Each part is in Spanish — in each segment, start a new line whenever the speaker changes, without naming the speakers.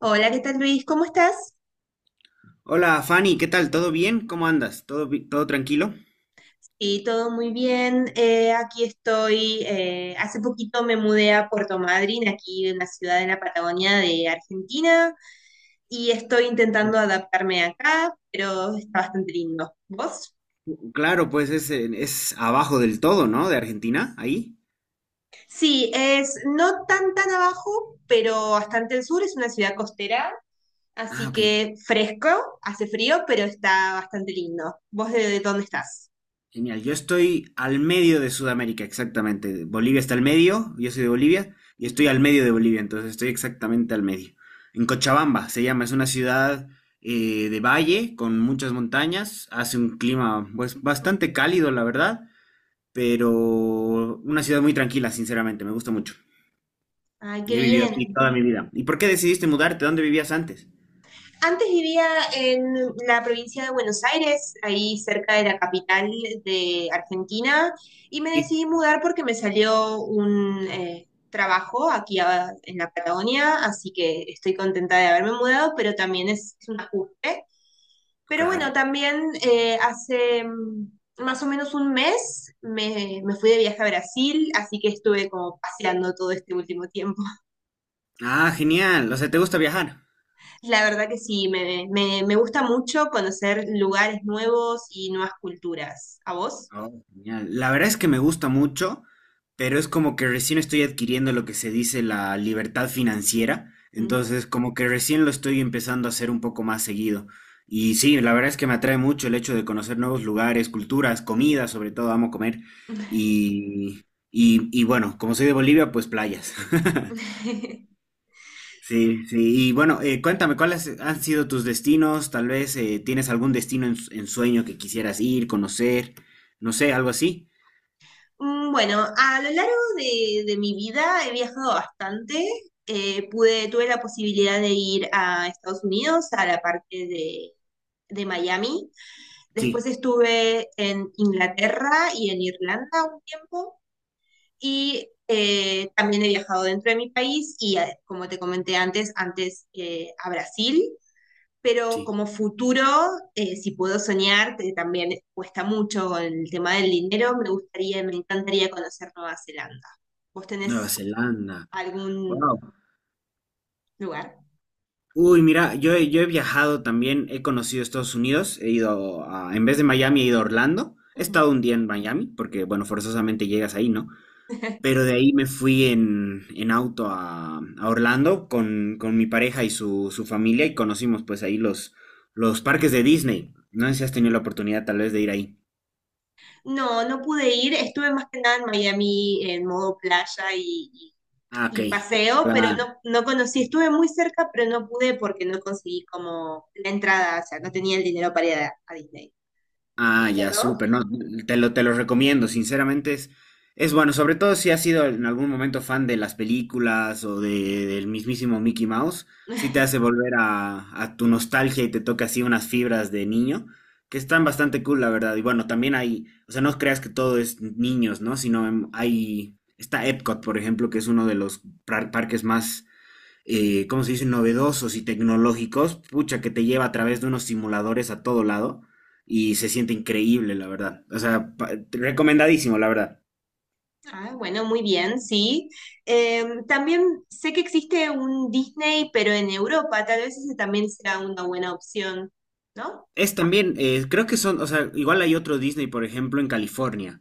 Hola, ¿qué tal, Luis? ¿Cómo estás?
Hola Fanny, ¿qué tal? ¿Todo bien? ¿Cómo andas? ¿Todo tranquilo?
Sí, todo muy bien. Aquí estoy. Hace poquito me mudé a Puerto Madryn, aquí en una ciudad en la Patagonia de Argentina, y estoy intentando adaptarme acá, pero está bastante lindo. ¿Vos?
Claro, pues es abajo del todo, ¿no? De Argentina, ahí.
Sí, es no tan abajo, pero bastante al sur. Es una ciudad costera,
Ah,
así
ok.
que fresco, hace frío, pero está bastante lindo. ¿Vos de dónde estás?
Genial. Yo estoy al medio de Sudamérica, exactamente. Bolivia está al medio, yo soy de Bolivia, y estoy
Ujú.
al medio de Bolivia, entonces estoy exactamente al medio. En Cochabamba se llama, es una ciudad de valle con muchas montañas, hace un clima pues bastante cálido, la verdad, pero una ciudad muy tranquila, sinceramente, me gusta mucho.
Ay, qué
Yo he vivido aquí
bien.
toda mi vida. ¿Y por qué decidiste mudarte? ¿Dónde vivías antes?
Antes vivía en la provincia de Buenos Aires, ahí cerca de la capital de Argentina, y me
Sí,
decidí mudar porque me salió un trabajo aquí en la Patagonia, así que estoy contenta de haberme mudado, pero también es un ajuste. Pero
claro.
bueno, también más o menos un mes me fui de viaje a Brasil, así que estuve como paseando todo este último tiempo.
Ah, genial. O sea, ¿te gusta viajar?
La verdad que sí, me gusta mucho conocer lugares nuevos y nuevas culturas. ¿A vos?
Oh, genial. La verdad es que me gusta mucho, pero es como que recién estoy adquiriendo lo que se dice la libertad financiera.
Mm.
Entonces, como que recién lo estoy empezando a hacer un poco más seguido. Y sí, la verdad es que me atrae mucho el hecho de conocer nuevos lugares, culturas, comidas, sobre todo amo comer. Y bueno, como soy de Bolivia, pues playas. Sí, sí. Y bueno, cuéntame, ¿cuáles han sido tus destinos? Tal vez tienes algún destino en sueño que quisieras ir, conocer, no sé, algo así.
Bueno, a lo largo de mi vida he viajado bastante. Tuve la posibilidad de ir a Estados Unidos, a la parte de Miami.
Sí,
Después estuve en Inglaterra y en Irlanda un tiempo. Y también he viajado dentro de mi país y, como te comenté antes a Brasil. Pero
sí.
como futuro, si puedo soñar, que también cuesta mucho con el tema del dinero, me encantaría conocer Nueva Zelanda. ¿Vos
Nueva
tenés
Zelanda.
algún
Wow.
lugar?
Uy, mira, yo he viajado también, he conocido Estados Unidos, he ido en vez de Miami, he ido a Orlando. He
Ujú.
estado un día en Miami, porque bueno, forzosamente llegas ahí, ¿no? Pero de ahí me fui en auto a Orlando con mi pareja y su familia y conocimos pues ahí los parques de Disney. No sé si has tenido la oportunidad tal vez de ir ahí.
No, no pude ir, estuve más que nada en Miami en modo playa
Ah, ok.
y paseo, pero
Claro.
no, no conocí, estuve muy cerca, pero no pude porque no conseguí como la entrada, o sea, no tenía el dinero para ir a Disney.
Ah, ya, súper,
Lindo,
no, te lo recomiendo, sinceramente es bueno, sobre todo si has sido en algún momento fan de las películas o de, del mismísimo Mickey Mouse, sí te hace volver a tu nostalgia y te toca así unas fibras de niño, que están bastante cool, la verdad, y bueno, también hay, o sea, no creas que todo es niños, ¿no? Sino hay, está Epcot, por ejemplo, que es uno de los parques más ¿cómo se dice?, novedosos y tecnológicos, pucha, que te lleva a través de unos simuladores a todo lado
¿no?
y se siente increíble, la verdad. O sea, recomendadísimo, la verdad.
Ah, bueno, muy bien, sí. También sé que existe un Disney, pero en Europa, tal vez ese también sea una buena opción, ¿no?
Es también, creo que son, o sea, igual hay otro Disney, por ejemplo, en California,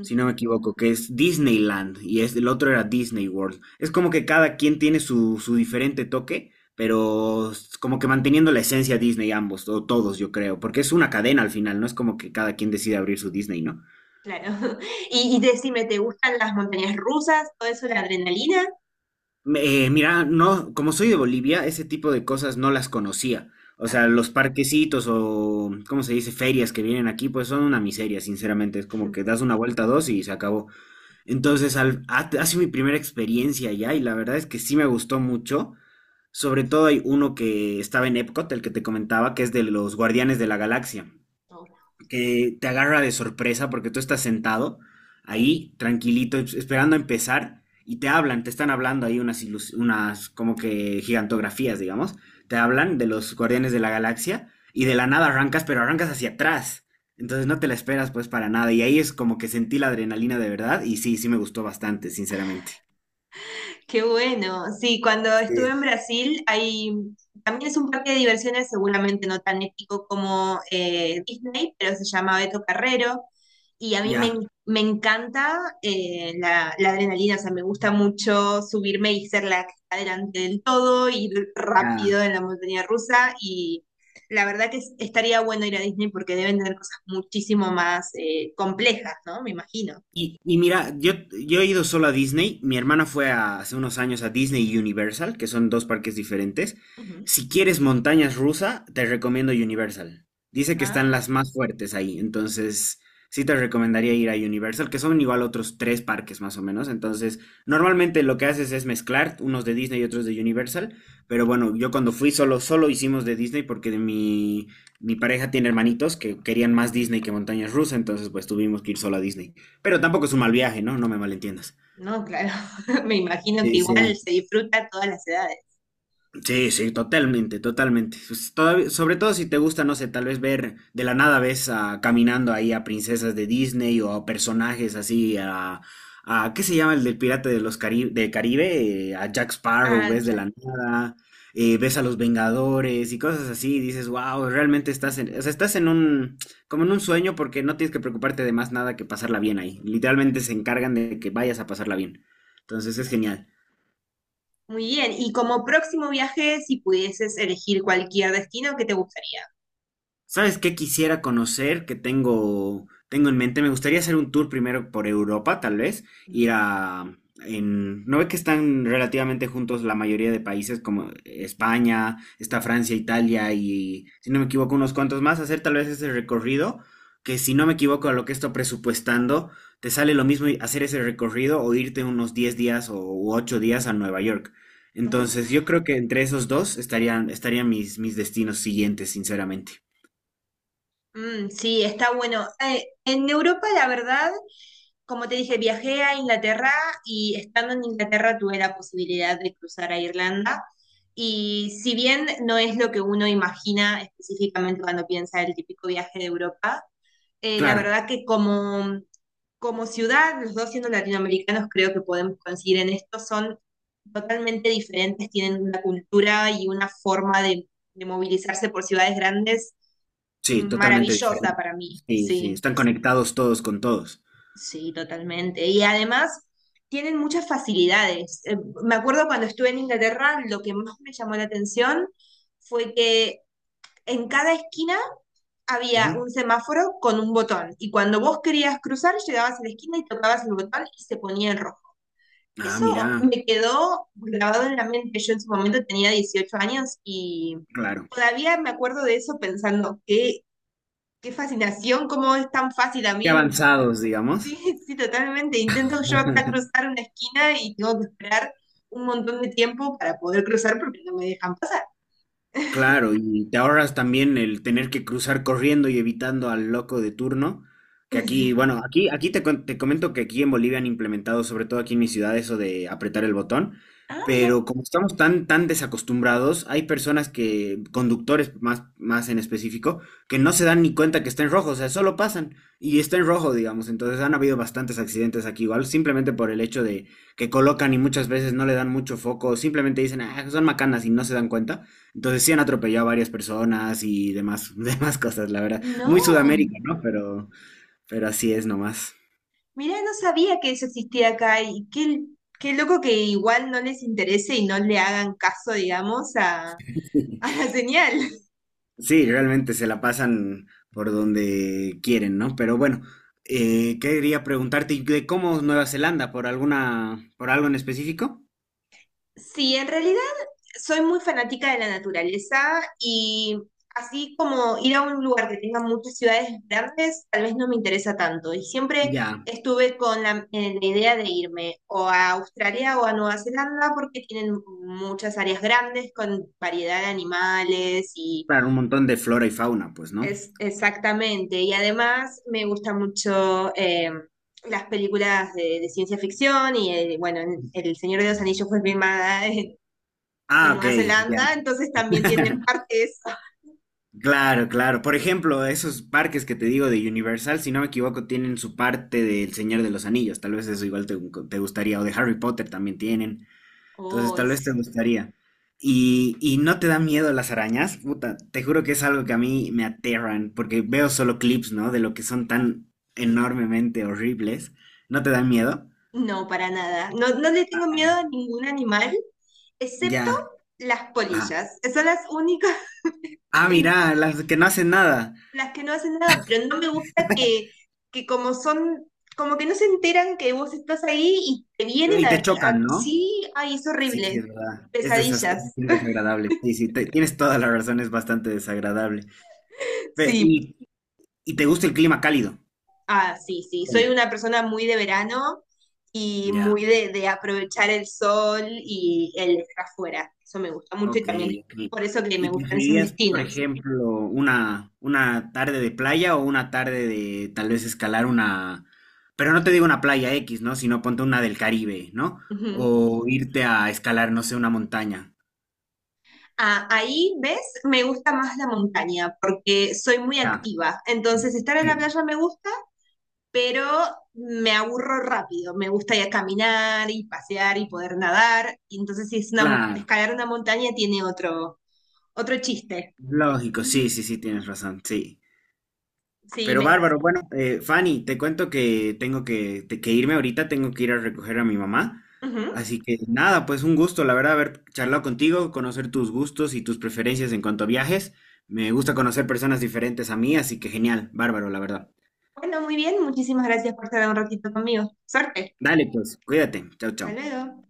si no me equivoco, que es Disneyland y es, el otro era Disney World. Es como que cada quien tiene su diferente toque, pero como que manteniendo la esencia Disney ambos, o todos, yo creo, porque es una cadena al final, no es como que cada quien decide abrir su Disney, ¿no?
claro. Y decime, ¿te gustan las montañas rusas? ¿Todo eso, la adrenalina?
Mira, no, como soy de Bolivia, ese tipo de cosas no las conocía. O
Ah,
sea, los parquecitos o, ¿cómo se dice? Ferias que vienen aquí, pues son una miseria, sinceramente. Es como que das una vuelta dos y se acabó. Entonces, ha sido mi primera experiencia allá y la verdad es que sí me gustó mucho. Sobre todo hay uno que estaba en Epcot, el que te comentaba, que es de los Guardianes de la Galaxia que te agarra de sorpresa porque tú estás sentado ahí, tranquilito, esperando a empezar, y te están hablando ahí unas como que gigantografías, digamos, te hablan de los guardianes de la galaxia, y de la nada arrancas, pero arrancas hacia atrás, entonces no te la esperas pues para nada, y ahí es como que sentí la adrenalina de verdad, y sí, sí me gustó bastante, sinceramente.
qué bueno. Sí, cuando estuve en Brasil, hay, también es un parque de diversiones, seguramente no tan épico como Disney, pero se llama Beto Carrero. Y a mí
Ya,
me encanta la adrenalina, o sea, me gusta mucho subirme y ser la que está delante del todo, ir rápido
ya.
en la montaña rusa. Y la verdad que estaría bueno ir a Disney porque deben tener cosas muchísimo más complejas, ¿no? Me imagino.
Y mira, yo he ido solo a Disney, mi hermana fue hace unos años a Disney y Universal, que son dos parques diferentes. Si quieres montañas rusa, te recomiendo Universal. Dice que
Ujú.
están las más fuertes ahí, entonces sí te recomendaría ir a Universal, que son igual otros tres parques más o menos. Entonces, normalmente lo que haces es mezclar unos de Disney y otros de Universal, pero bueno, yo cuando fui solo, solo hicimos de Disney porque de mi pareja tiene hermanitos que querían más Disney que montañas rusa, entonces pues tuvimos que ir solo a Disney. Pero tampoco es un mal viaje, ¿no? No me malentiendas.
No, claro. Me imagino que
Sí,
igual
sí.
se disfruta a todas las edades.
Sí, sí, totalmente, totalmente. Pues, todavía- sobre todo si te gusta, no sé, tal vez ver de la nada ves caminando ahí a princesas de Disney o a personajes así, a ¿qué se llama el del Pirata del Caribe? A Jack Sparrow,
Ah,
ves de
claro.
la nada, ves a los Vengadores y cosas así, y dices, wow, realmente estás en, o sea, estás como en un sueño porque no tienes que preocuparte de más nada que pasarla bien ahí. Literalmente se encargan de que vayas a pasarla bien. Entonces es
Claro.
genial.
Muy bien. Y como próximo viaje, si pudieses elegir cualquier destino, ¿qué te gustaría?
¿Sabes qué quisiera conocer? Que tengo en mente. Me gustaría hacer un tour primero por Europa, tal vez. Ir
Mm.
a... En, ¿no ve que están relativamente juntos la mayoría de países como España, está Francia, Italia y, si no me equivoco, unos cuantos más? Hacer tal vez ese recorrido, que si no me equivoco a lo que estoy presupuestando, te sale lo mismo y- hacer ese recorrido o irte unos 10 días o u 8 días a Nueva York. Entonces,
Oh,
yo creo que entre esos dos estarían mis destinos siguientes, sinceramente.
mm, sí, está bueno. En Europa, la verdad, como te dije, viajé a Inglaterra y estando en Inglaterra tuve la posibilidad de cruzar a Irlanda. Y si bien no es lo que uno imagina específicamente cuando piensa el típico viaje de Europa, la
Claro,
verdad que como ciudad, los dos siendo latinoamericanos, creo que podemos coincidir en esto, son totalmente diferentes, tienen una cultura y una forma de movilizarse por ciudades grandes
sí, totalmente
maravillosa
diferente.
para mí,
Sí, sí,
sí,
están conectados todos con todos.
sí, totalmente. Y además tienen muchas facilidades. Me acuerdo cuando estuve en Inglaterra, lo que más me llamó la atención fue que en cada esquina había
Ujú.
un semáforo con un botón y cuando vos querías cruzar, llegabas a la esquina y tocabas el botón y se ponía en rojo.
Ah,
Eso
mira,
me quedó grabado en la mente. Yo en su momento tenía 18 años y
claro.
todavía me acuerdo de eso pensando, qué fascinación, cómo es tan fácil a
Qué
mí.
avanzados, digamos.
Sí, sí, totalmente. Intento yo acá cruzar una esquina y tengo que esperar un montón de tiempo para poder cruzar porque no me dejan pasar.
Claro, y te ahorras también el tener que cruzar corriendo y evitando al loco de turno, que aquí,
Sí.
bueno, te comento que aquí en Bolivia han implementado, sobre todo aquí en mi ciudad, eso de apretar el botón,
Ah,
pero como estamos tan, tan desacostumbrados, hay personas que, conductores más, más en específico, que no se dan ni cuenta que está en rojo, o sea, solo pasan y está en rojo, digamos, entonces han habido bastantes accidentes aquí igual, simplemente por el hecho de que colocan y muchas veces no le dan mucho foco, simplemente dicen, ah, son macanas y no se dan cuenta. Entonces sí han atropellado a varias personas y demás, demás cosas, la verdad. Muy
no,
Sudamérica, ¿no? Pero así es nomás.
mira, no sabía que eso existía acá y qué loco que igual no les interese y no le hagan caso, digamos, a la señal.
Sí, realmente se la pasan por donde quieren, ¿no? Pero bueno, quería preguntarte ¿y de cómo Nueva Zelanda, por algo en específico?
Sí, en realidad soy muy fanática de la naturaleza y así como ir a un lugar que tenga muchas ciudades grandes, tal vez no me interesa tanto. Y siempre
Ya,
estuve con la idea de irme o a Australia o a Nueva Zelanda porque tienen muchas áreas grandes con variedad de animales y
para un montón de flora y fauna, pues, ¿no?
es exactamente. Y además me gusta mucho... las películas de ciencia ficción y bueno, El Señor de los Anillos fue filmada en
Ah, ok,
Nueva
ya.
Zelanda, entonces también tienen parte eso.
Claro, claro. Por ejemplo, esos parques que te digo de Universal, si no me equivoco, tienen su parte del Señor de los Anillos. Tal vez eso igual te gustaría. O de Harry Potter también tienen. Entonces,
Oh,
tal vez te gustaría. Y no te da miedo las arañas, puta. Te juro que es algo que a mí me aterran, porque veo solo clips, ¿no? De lo que son tan enormemente horribles. ¿No te dan miedo?
no, para nada. No, no le tengo miedo a ningún animal, excepto
Ya.
las
Ajá.
polillas. Esas son las únicas,
Ah,
em,
mira, las que no hacen nada.
las que no hacen nada, pero no me gusta que como son, como que no se enteran que vos estás ahí y te vienen
Y te chocan, ¿no?
sí, ay, es
Sí, sí,
horrible.
es verdad. Es, es
Pesadillas.
bien desagradable. Sí, sí, tienes toda la razón, es bastante desagradable. Ve,
Sí,
y te gusta el clima cálido?
ah, sí, sí. Soy
Sí.
una persona muy de verano y
Ya,
muy de aprovechar el sol y el estar afuera. Eso me gusta mucho y
ok,
también es
ok.
por eso que me
¿Y
gustan esos
preferirías, por
destinos.
ejemplo, una tarde de playa o una tarde de tal vez escalar una, pero no te digo una playa X, ¿no? Sino ponte una del Caribe, ¿no?
Ujú.
O irte a escalar, no sé, una montaña.
Ah, ahí, ¿ves? Me gusta más la montaña porque soy muy
Ya,
activa. Entonces, estar en la
sí,
playa me gusta, pero me aburro rápido. Me gusta ir a caminar y pasear y poder nadar. Y entonces, si es una,
claro.
escalar una montaña tiene otro chiste.
Lógico, sí, sí, sí, tienes razón, sí.
Sí,
Pero
me...
bárbaro, bueno, Fanny, te cuento que tengo que irme ahorita, tengo que ir a recoger a mi mamá.
ujú.
Así que nada, pues un gusto, la verdad, haber charlado contigo, conocer tus gustos y tus preferencias en cuanto a viajes. Me gusta conocer personas diferentes a mí, así que genial, bárbaro, la verdad.
Bueno, muy bien, muchísimas gracias por estar un ratito conmigo. Suerte.
Dale, pues, cuídate. Chao, chao.
Hasta luego.